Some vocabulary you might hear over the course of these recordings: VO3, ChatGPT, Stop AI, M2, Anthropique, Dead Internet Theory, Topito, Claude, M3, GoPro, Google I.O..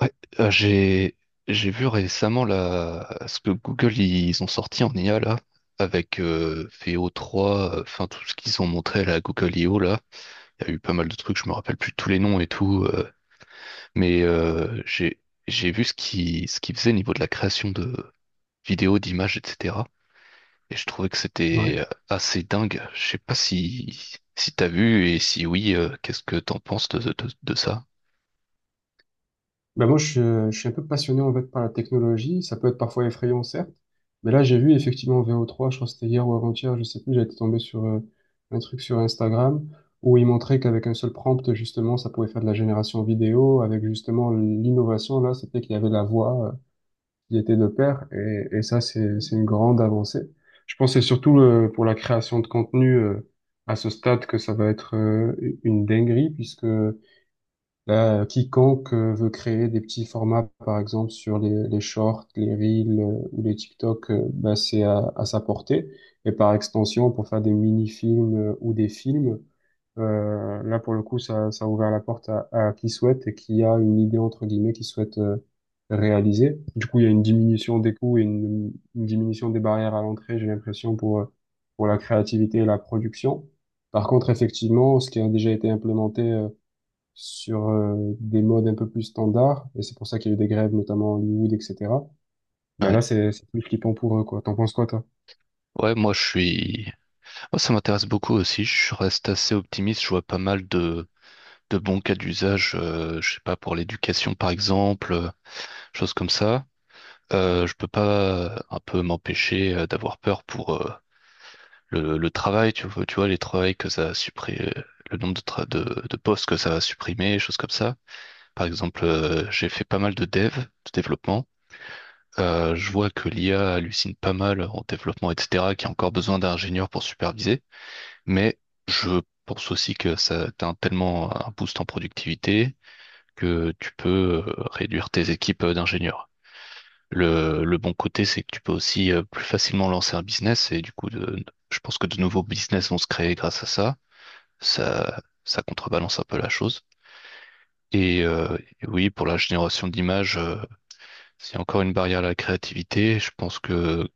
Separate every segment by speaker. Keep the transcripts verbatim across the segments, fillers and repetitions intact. Speaker 1: Ouais, euh, j'ai j'ai vu récemment là ce que Google ils ont sorti en i a là avec euh, v o trois, euh, enfin tout ce qu'ils ont montré là, à la Google i o là. Il y a eu pas mal de trucs, je me rappelle plus tous les noms et tout, euh, mais euh, j'ai j'ai vu ce qui ce qu'ils faisaient au niveau de la création de vidéos, d'images, et cetera. Et je trouvais que
Speaker 2: Ouais.
Speaker 1: c'était euh, assez dingue. Je sais pas si si t'as vu et si oui, euh, qu'est-ce que t'en penses de, de, de ça?
Speaker 2: Ben moi, je, suis euh, je suis un peu passionné en fait par la technologie. Ça peut être parfois effrayant, certes, mais là, j'ai vu effectivement V O trois, je crois que c'était hier ou avant-hier, je sais plus, j'étais tombé sur euh, un truc sur Instagram où il montrait qu'avec un seul prompt, justement, ça pouvait faire de la génération vidéo. Avec justement l'innovation, là, c'était qu'il y avait la voix euh, qui était de pair, et, et ça, c'est, c'est une grande avancée. Je pense que c'est surtout euh, pour la création de contenu euh, à ce stade que ça va être euh, une dinguerie, puisque là, euh, quiconque euh, veut créer des petits formats, par exemple sur les, les shorts, les reels euh, ou les TikTok, euh, bah, c'est à, à sa portée. Et par extension, pour faire des mini-films euh, ou des films, euh, là pour le coup, ça, ça a ouvert la porte à, à qui souhaite et qui a une idée entre guillemets qui souhaite euh, réaliser. Du coup, il y a une diminution des coûts et une, une diminution des barrières à l'entrée, j'ai l'impression, pour, euh, pour la créativité et la production. Par contre, effectivement, ce qui a déjà été implémenté euh, sur euh, des modes un peu plus standards, et c'est pour ça qu'il y a eu des grèves, notamment à Hollywood, et cetera. Ben
Speaker 1: Ouais.
Speaker 2: là, c'est c'est plus flippant pour eux, quoi. T'en penses quoi, toi?
Speaker 1: Ouais, moi je suis. Moi, ça m'intéresse beaucoup aussi. Je reste assez optimiste. Je vois pas mal de, de bons cas d'usage, euh, je sais pas, pour l'éducation, par exemple, euh, choses comme ça. Euh, je peux pas euh, un peu m'empêcher euh, d'avoir peur pour euh, le, le travail, tu vois, tu vois, les travails que ça a supprimé, le nombre de, tra- de, de postes que ça va supprimer, choses comme ça. Par exemple, euh, j'ai fait pas mal de dev, de développement. Euh, je vois que l'i a hallucine pas mal en développement, et cetera, qu'il y a encore besoin d'ingénieurs pour superviser. Mais je pense aussi que ça t'as tellement un boost en productivité que tu peux euh, réduire tes équipes euh, d'ingénieurs. Le, le bon côté, c'est que tu peux aussi euh, plus facilement lancer un business et du coup, de- je pense que de nouveaux business vont se créer grâce à ça. Ça, ça contrebalance un peu la chose. Et, euh, et oui, pour la génération d'images, euh, c'est encore une barrière à la créativité. Je pense que,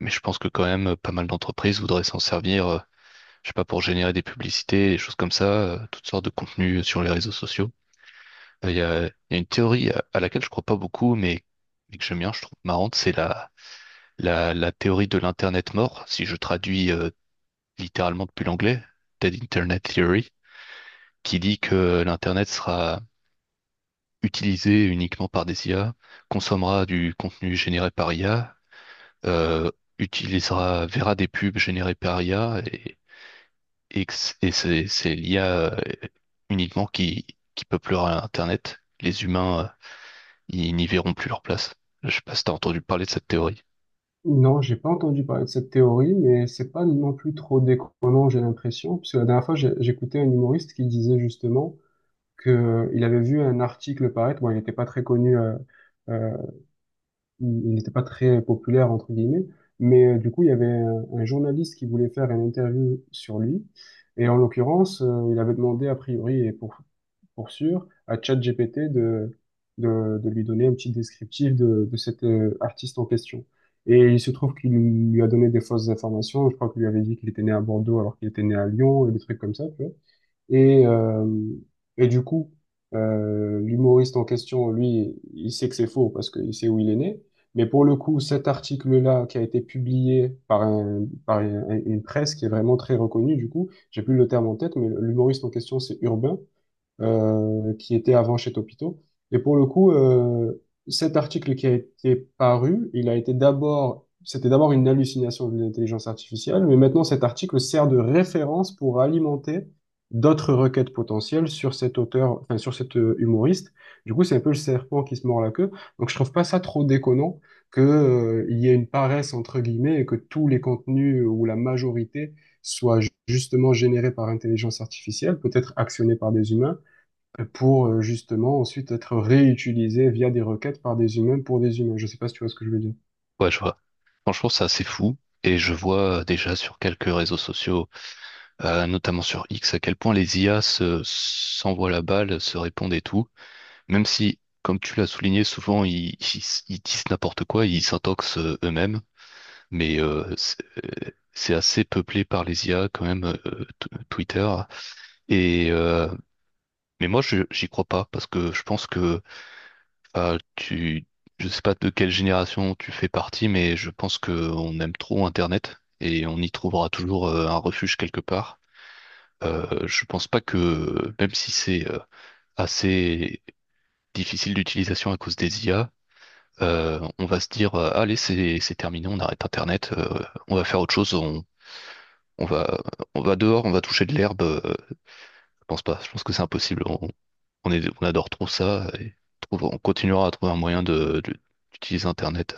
Speaker 1: mais je pense que quand même, pas mal d'entreprises voudraient s'en servir euh, je sais pas, pour générer des publicités, des choses comme ça, euh, toutes sortes de contenus euh, sur les réseaux sociaux. Euh, Il y a, il y a une théorie à, à laquelle je crois pas beaucoup, mais, mais que j'aime bien, je trouve marrante, c'est la, la, la théorie de l'Internet mort, si je traduis euh, littéralement depuis l'anglais, Dead Internet Theory, qui dit que euh, l'Internet sera utilisé uniquement par des i a, consommera du contenu généré par i a, euh, utilisera, verra des pubs générées par i a et, que c- et c'est c'est l'i a euh, uniquement qui, qui peuplera Internet. Les humains, euh, ils n'y verront plus leur place. Je sais pas si t'as entendu parler de cette théorie.
Speaker 2: Non, j'ai pas entendu parler de cette théorie, mais c'est pas non plus trop déconnant, j'ai l'impression, puisque la dernière fois, j'ai- j'écoutais un humoriste qui disait justement que euh, il avait vu un article paraître, bon, il n'était pas très connu, euh, euh, il n'était pas très populaire, entre guillemets, mais euh, du coup, il y avait un, un journaliste qui voulait faire une interview sur lui, et en l'occurrence, euh, il avait demandé, a priori, et pour, pour sûr, à ChatGPT de, de, de lui donner un petit descriptif de, de cet euh, artiste en question. Et il se trouve qu'il lui a donné des fausses informations, je crois qu'il lui avait dit qu'il était né à Bordeaux alors qu'il était né à Lyon, et des trucs comme ça, tu vois. Et, euh, et du coup, euh, l'humoriste en question, lui, il sait que c'est faux parce qu'il sait où il est né. Mais pour le coup, cet article-là qui a été publié par, un, par un- une presse qui est vraiment très reconnue, du coup, j'ai plus le terme en tête, mais l'humoriste en question, c'est Urbain euh, qui était avant chez Topito. Et pour le coup, euh, cet article qui a été paru, il a été d'abord, c'était d'abord une hallucination de l'intelligence artificielle, mais maintenant cet article sert de référence pour alimenter d'autres requêtes potentielles sur cet auteur, enfin sur cet euh, humoriste. Du coup, c'est un peu le serpent qui se mord la queue. Donc, je trouve pas ça trop déconnant que, euh, il y ait une paresse entre guillemets et que tous les contenus euh, ou la majorité soient ju- justement générés par intelligence artificielle, peut-être actionnés par des humains pour euh, justement ensuite être réutilisé via des requêtes par des humains pour des humains. Je sais pas si tu vois ce que je veux dire.
Speaker 1: Ouais, je vois. Franchement, c'est assez fou. Et je vois euh, déjà sur quelques réseaux sociaux, euh, notamment sur X, à quel point les i a se, s'envoient la balle, se répondent et tout. Même si, comme tu l'as souligné, souvent ils, ils, ils disent n'importe quoi, ils s'intoxent euh, eux-mêmes, mais euh, c'est euh, c'est assez peuplé par les i a quand même, euh, t- Twitter. Et euh, mais moi, je j'y crois pas parce que je pense que ah, tu, je sais pas de quelle génération tu fais partie, mais je pense que on aime trop Internet et on y trouvera toujours euh, un refuge quelque part. Euh, je pense pas que même si c'est euh, assez difficile d'utilisation à cause des i a euh, on va se dire, euh, allez, c'est c'est terminé, on arrête Internet, euh, on va faire autre chose, on, on va, on va, dehors, on va toucher de l'herbe. Euh, je pense pas, je pense que c'est impossible. On, on est, on adore trop ça et trouve- on continuera à trouver un moyen de, de- d'utiliser Internet.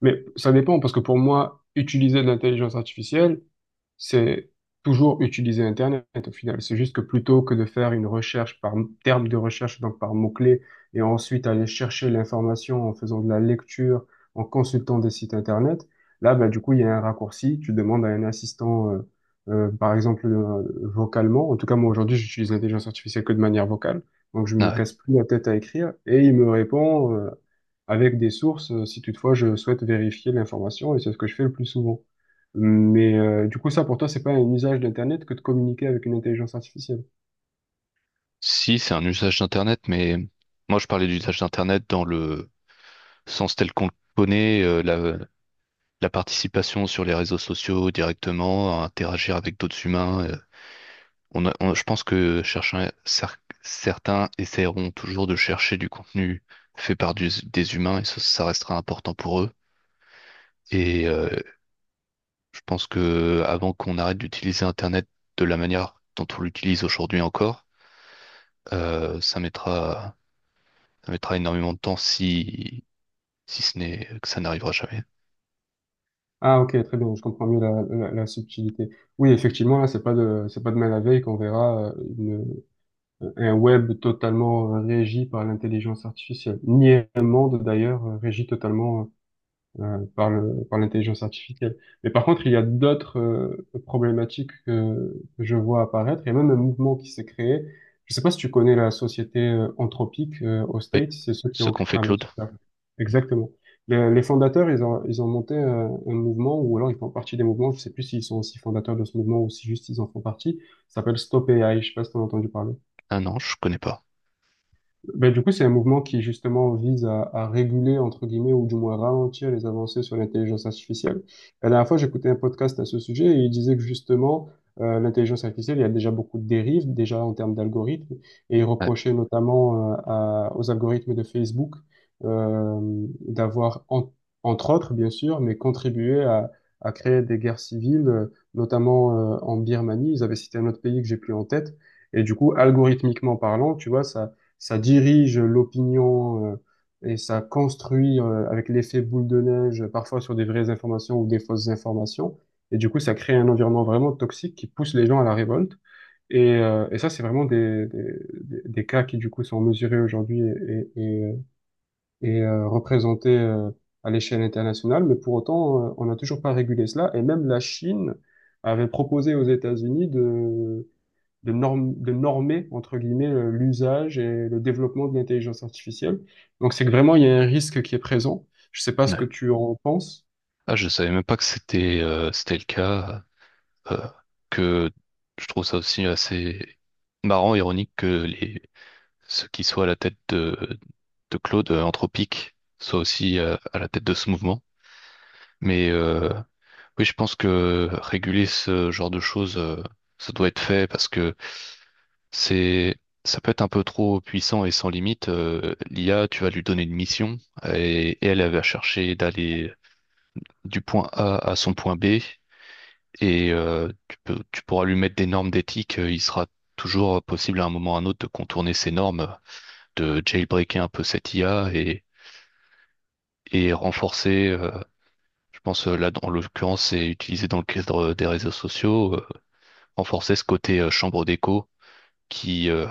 Speaker 2: Mais ça dépend, parce que pour moi, utiliser de l'intelligence artificielle, c'est toujours utiliser Internet au final. C'est juste que plutôt que de faire une recherche par terme de recherche, donc par mots-clés, et ensuite aller chercher l'information en faisant de la lecture, en consultant des sites Internet, là, ben, du coup, il y a un raccourci. Tu demandes à un assistant, euh, euh, par exemple, euh, vocalement. En tout cas, moi, aujourd'hui, j'utilise l'intelligence artificielle que de manière vocale. Donc, je me
Speaker 1: Ah ouais.
Speaker 2: casse plus la tête à écrire et il me répond, euh, avec des sources, euh, si toutefois je souhaite vérifier l'information, et c'est ce que je fais le plus souvent. Mais euh, du coup, ça, pour toi, c'est pas un usage d'Internet que de communiquer avec une intelligence artificielle.
Speaker 1: Si, c'est un usage d'Internet, mais moi je parlais d'usage d'Internet dans le sens tel qu'on le connaît, euh, la, la participation sur les réseaux sociaux directement, à interagir avec d'autres humains. euh, on a- on- je pense que chercher- cer- certains essaieront toujours de chercher du contenu fait par du- des humains et ça, ça restera important pour eux. Et euh, je pense que avant qu'on arrête d'utiliser Internet de la manière dont on l'utilise aujourd'hui encore, euh, ça mettra, ça mettra énormément de temps si, si ce n'est que ça n'arrivera jamais.
Speaker 2: Ah, ok, très bien, je comprends mieux la, la, la subtilité. Oui, effectivement, là, c'est pas de, c'est pas demain la veille qu'on verra euh, une- euh, un web totalement euh, régi par l'intelligence artificielle, ni un monde d'ailleurs euh, régi totalement euh, euh, par le, par l'intelligence artificielle. Mais par contre, il y a d'autres euh, problématiques que, que je vois apparaître. Il y a même un mouvement qui s'est créé. Je sais pas si tu connais la société euh, Anthropique euh, aux
Speaker 1: Oui.
Speaker 2: States, c'est ceux qui
Speaker 1: Ce
Speaker 2: ont...
Speaker 1: qu'on fait
Speaker 2: Ah, mais
Speaker 1: Claude?
Speaker 2: super. Exactement. Les, les fondateurs, ils ont, ils ont monté euh, un mouvement, ou alors ils font partie des mouvements, je sais plus s'ils sont aussi fondateurs de ce mouvement ou si juste ils en font partie, ça s'appelle Stop A I, je sais pas si tu as entendu parler.
Speaker 1: Ah non, je connais pas.
Speaker 2: Ben, du coup, c'est un mouvement qui justement vise à, à réguler, entre guillemets, ou du moins ralentir les avancées sur l'intelligence artificielle. La dernière fois, j'écoutais un podcast à ce sujet et il disait que justement, euh, l'intelligence artificielle, il y a déjà beaucoup de dérives, déjà en termes d'algorithmes, et il
Speaker 1: Ouais.
Speaker 2: reprochait notamment euh, à- aux algorithmes de Facebook euh, d'avoir, en- entre autres, bien sûr, mais contribué à, à créer des guerres civiles, euh, notamment euh, en Birmanie. Ils avaient cité un autre pays que j'ai plus en tête. Et du coup, algorithmiquement parlant, tu vois, ça ça dirige l'opinion euh, et ça construit euh, avec l'effet boule de neige, parfois sur des vraies informations ou des fausses informations. Et du coup, ça crée un environnement vraiment toxique qui pousse les gens à la révolte. Et, euh, et ça, c'est vraiment des, des, des- des cas qui, du coup, sont mesurés aujourd'hui et, et, et, euh, et, euh, représentés euh, à l'échelle internationale. Mais pour autant, euh, on n'a toujours pas régulé cela. Et même la Chine avait proposé aux États-Unis de de, norm- de normer, entre guillemets, euh, l'usage et le développement de l'intelligence artificielle. Donc c'est que vraiment, il y a un risque qui est présent. Je sais pas ce que
Speaker 1: Ouais.
Speaker 2: tu en penses.
Speaker 1: Ah, je savais même pas que c'était euh, c'était le cas. euh, que je trouve ça aussi assez marrant, ironique que les ceux qui soient à la tête de, de Claude euh, Anthropique soient aussi euh, à la tête de ce mouvement. Mais euh, oui, je pense que réguler ce genre de choses, euh, ça doit être fait parce que c'est ça peut être un peu trop puissant et sans limite. Euh, L'i a, tu vas lui donner une mission et, et elle, elle va chercher d'aller du point A à son point B et euh, tu peux- tu pourras lui mettre des normes d'éthique. euh, Il sera toujours possible à un moment ou à un autre de contourner ces normes, de jailbreaker un peu cette i a et, et renforcer, euh, je pense euh, là dans l'occurrence c'est utilisé dans le cadre des réseaux sociaux, euh, renforcer ce côté euh, chambre d'écho qui, euh,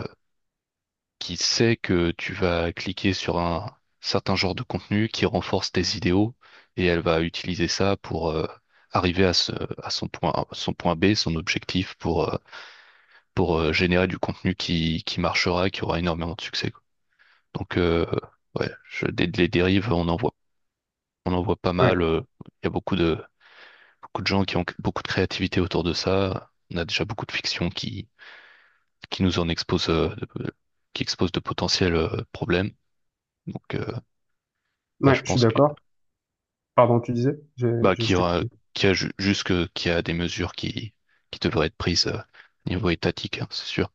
Speaker 1: qui sait que tu vas cliquer sur un certain genre de contenu qui renforce tes idéaux et elle va utiliser ça pour euh, arriver à, ce, à son point, son point, B, son objectif pour, euh, pour euh, générer du contenu qui, qui marchera, qui aura énormément de succès, quoi. Donc, euh, ouais, je, des- les dérives, on en voit, on en voit pas
Speaker 2: Ouais,
Speaker 1: mal. euh, Il y a beaucoup de, beaucoup de gens qui ont beaucoup de créativité autour de ça. On a déjà beaucoup de fiction qui, qui nous en expose, euh, de- qui expose de potentiels euh, problèmes. Donc, euh, ouais,
Speaker 2: ouais,
Speaker 1: je
Speaker 2: je suis
Speaker 1: pense que,
Speaker 2: d'accord. Pardon, tu disais, j'ai,
Speaker 1: bah,
Speaker 2: j'ai-
Speaker 1: qu'il
Speaker 2: je
Speaker 1: y
Speaker 2: t'ai
Speaker 1: aura,
Speaker 2: coupé.
Speaker 1: qu'il y a ju- juste que- qu'il y a des mesures qui, qui devraient être prises euh, niveau étatique, hein, c'est sûr.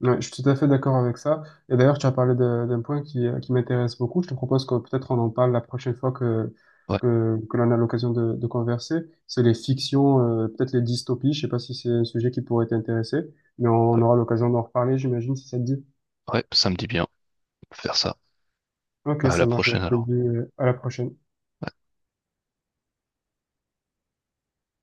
Speaker 2: Ouais, je suis tout à fait d'accord avec ça. Et d'ailleurs, tu as parlé de- d'un point qui, euh, qui m'intéresse beaucoup. Je te propose que peut-être on en parle la prochaine fois que,
Speaker 1: Ouais,
Speaker 2: que, que l'on a l'occasion de, de converser. C'est les fictions, euh, peut-être les dystopies. Je sais pas si c'est un sujet qui pourrait t'intéresser, mais on
Speaker 1: ouais,
Speaker 2: aura l'occasion d'en reparler, j'imagine, si ça te dit.
Speaker 1: ouais, ça me dit bien. Faire ça.
Speaker 2: Ok,
Speaker 1: À la
Speaker 2: ça marche, mais
Speaker 1: prochaine
Speaker 2: je te le
Speaker 1: alors.
Speaker 2: dis euh, à la prochaine.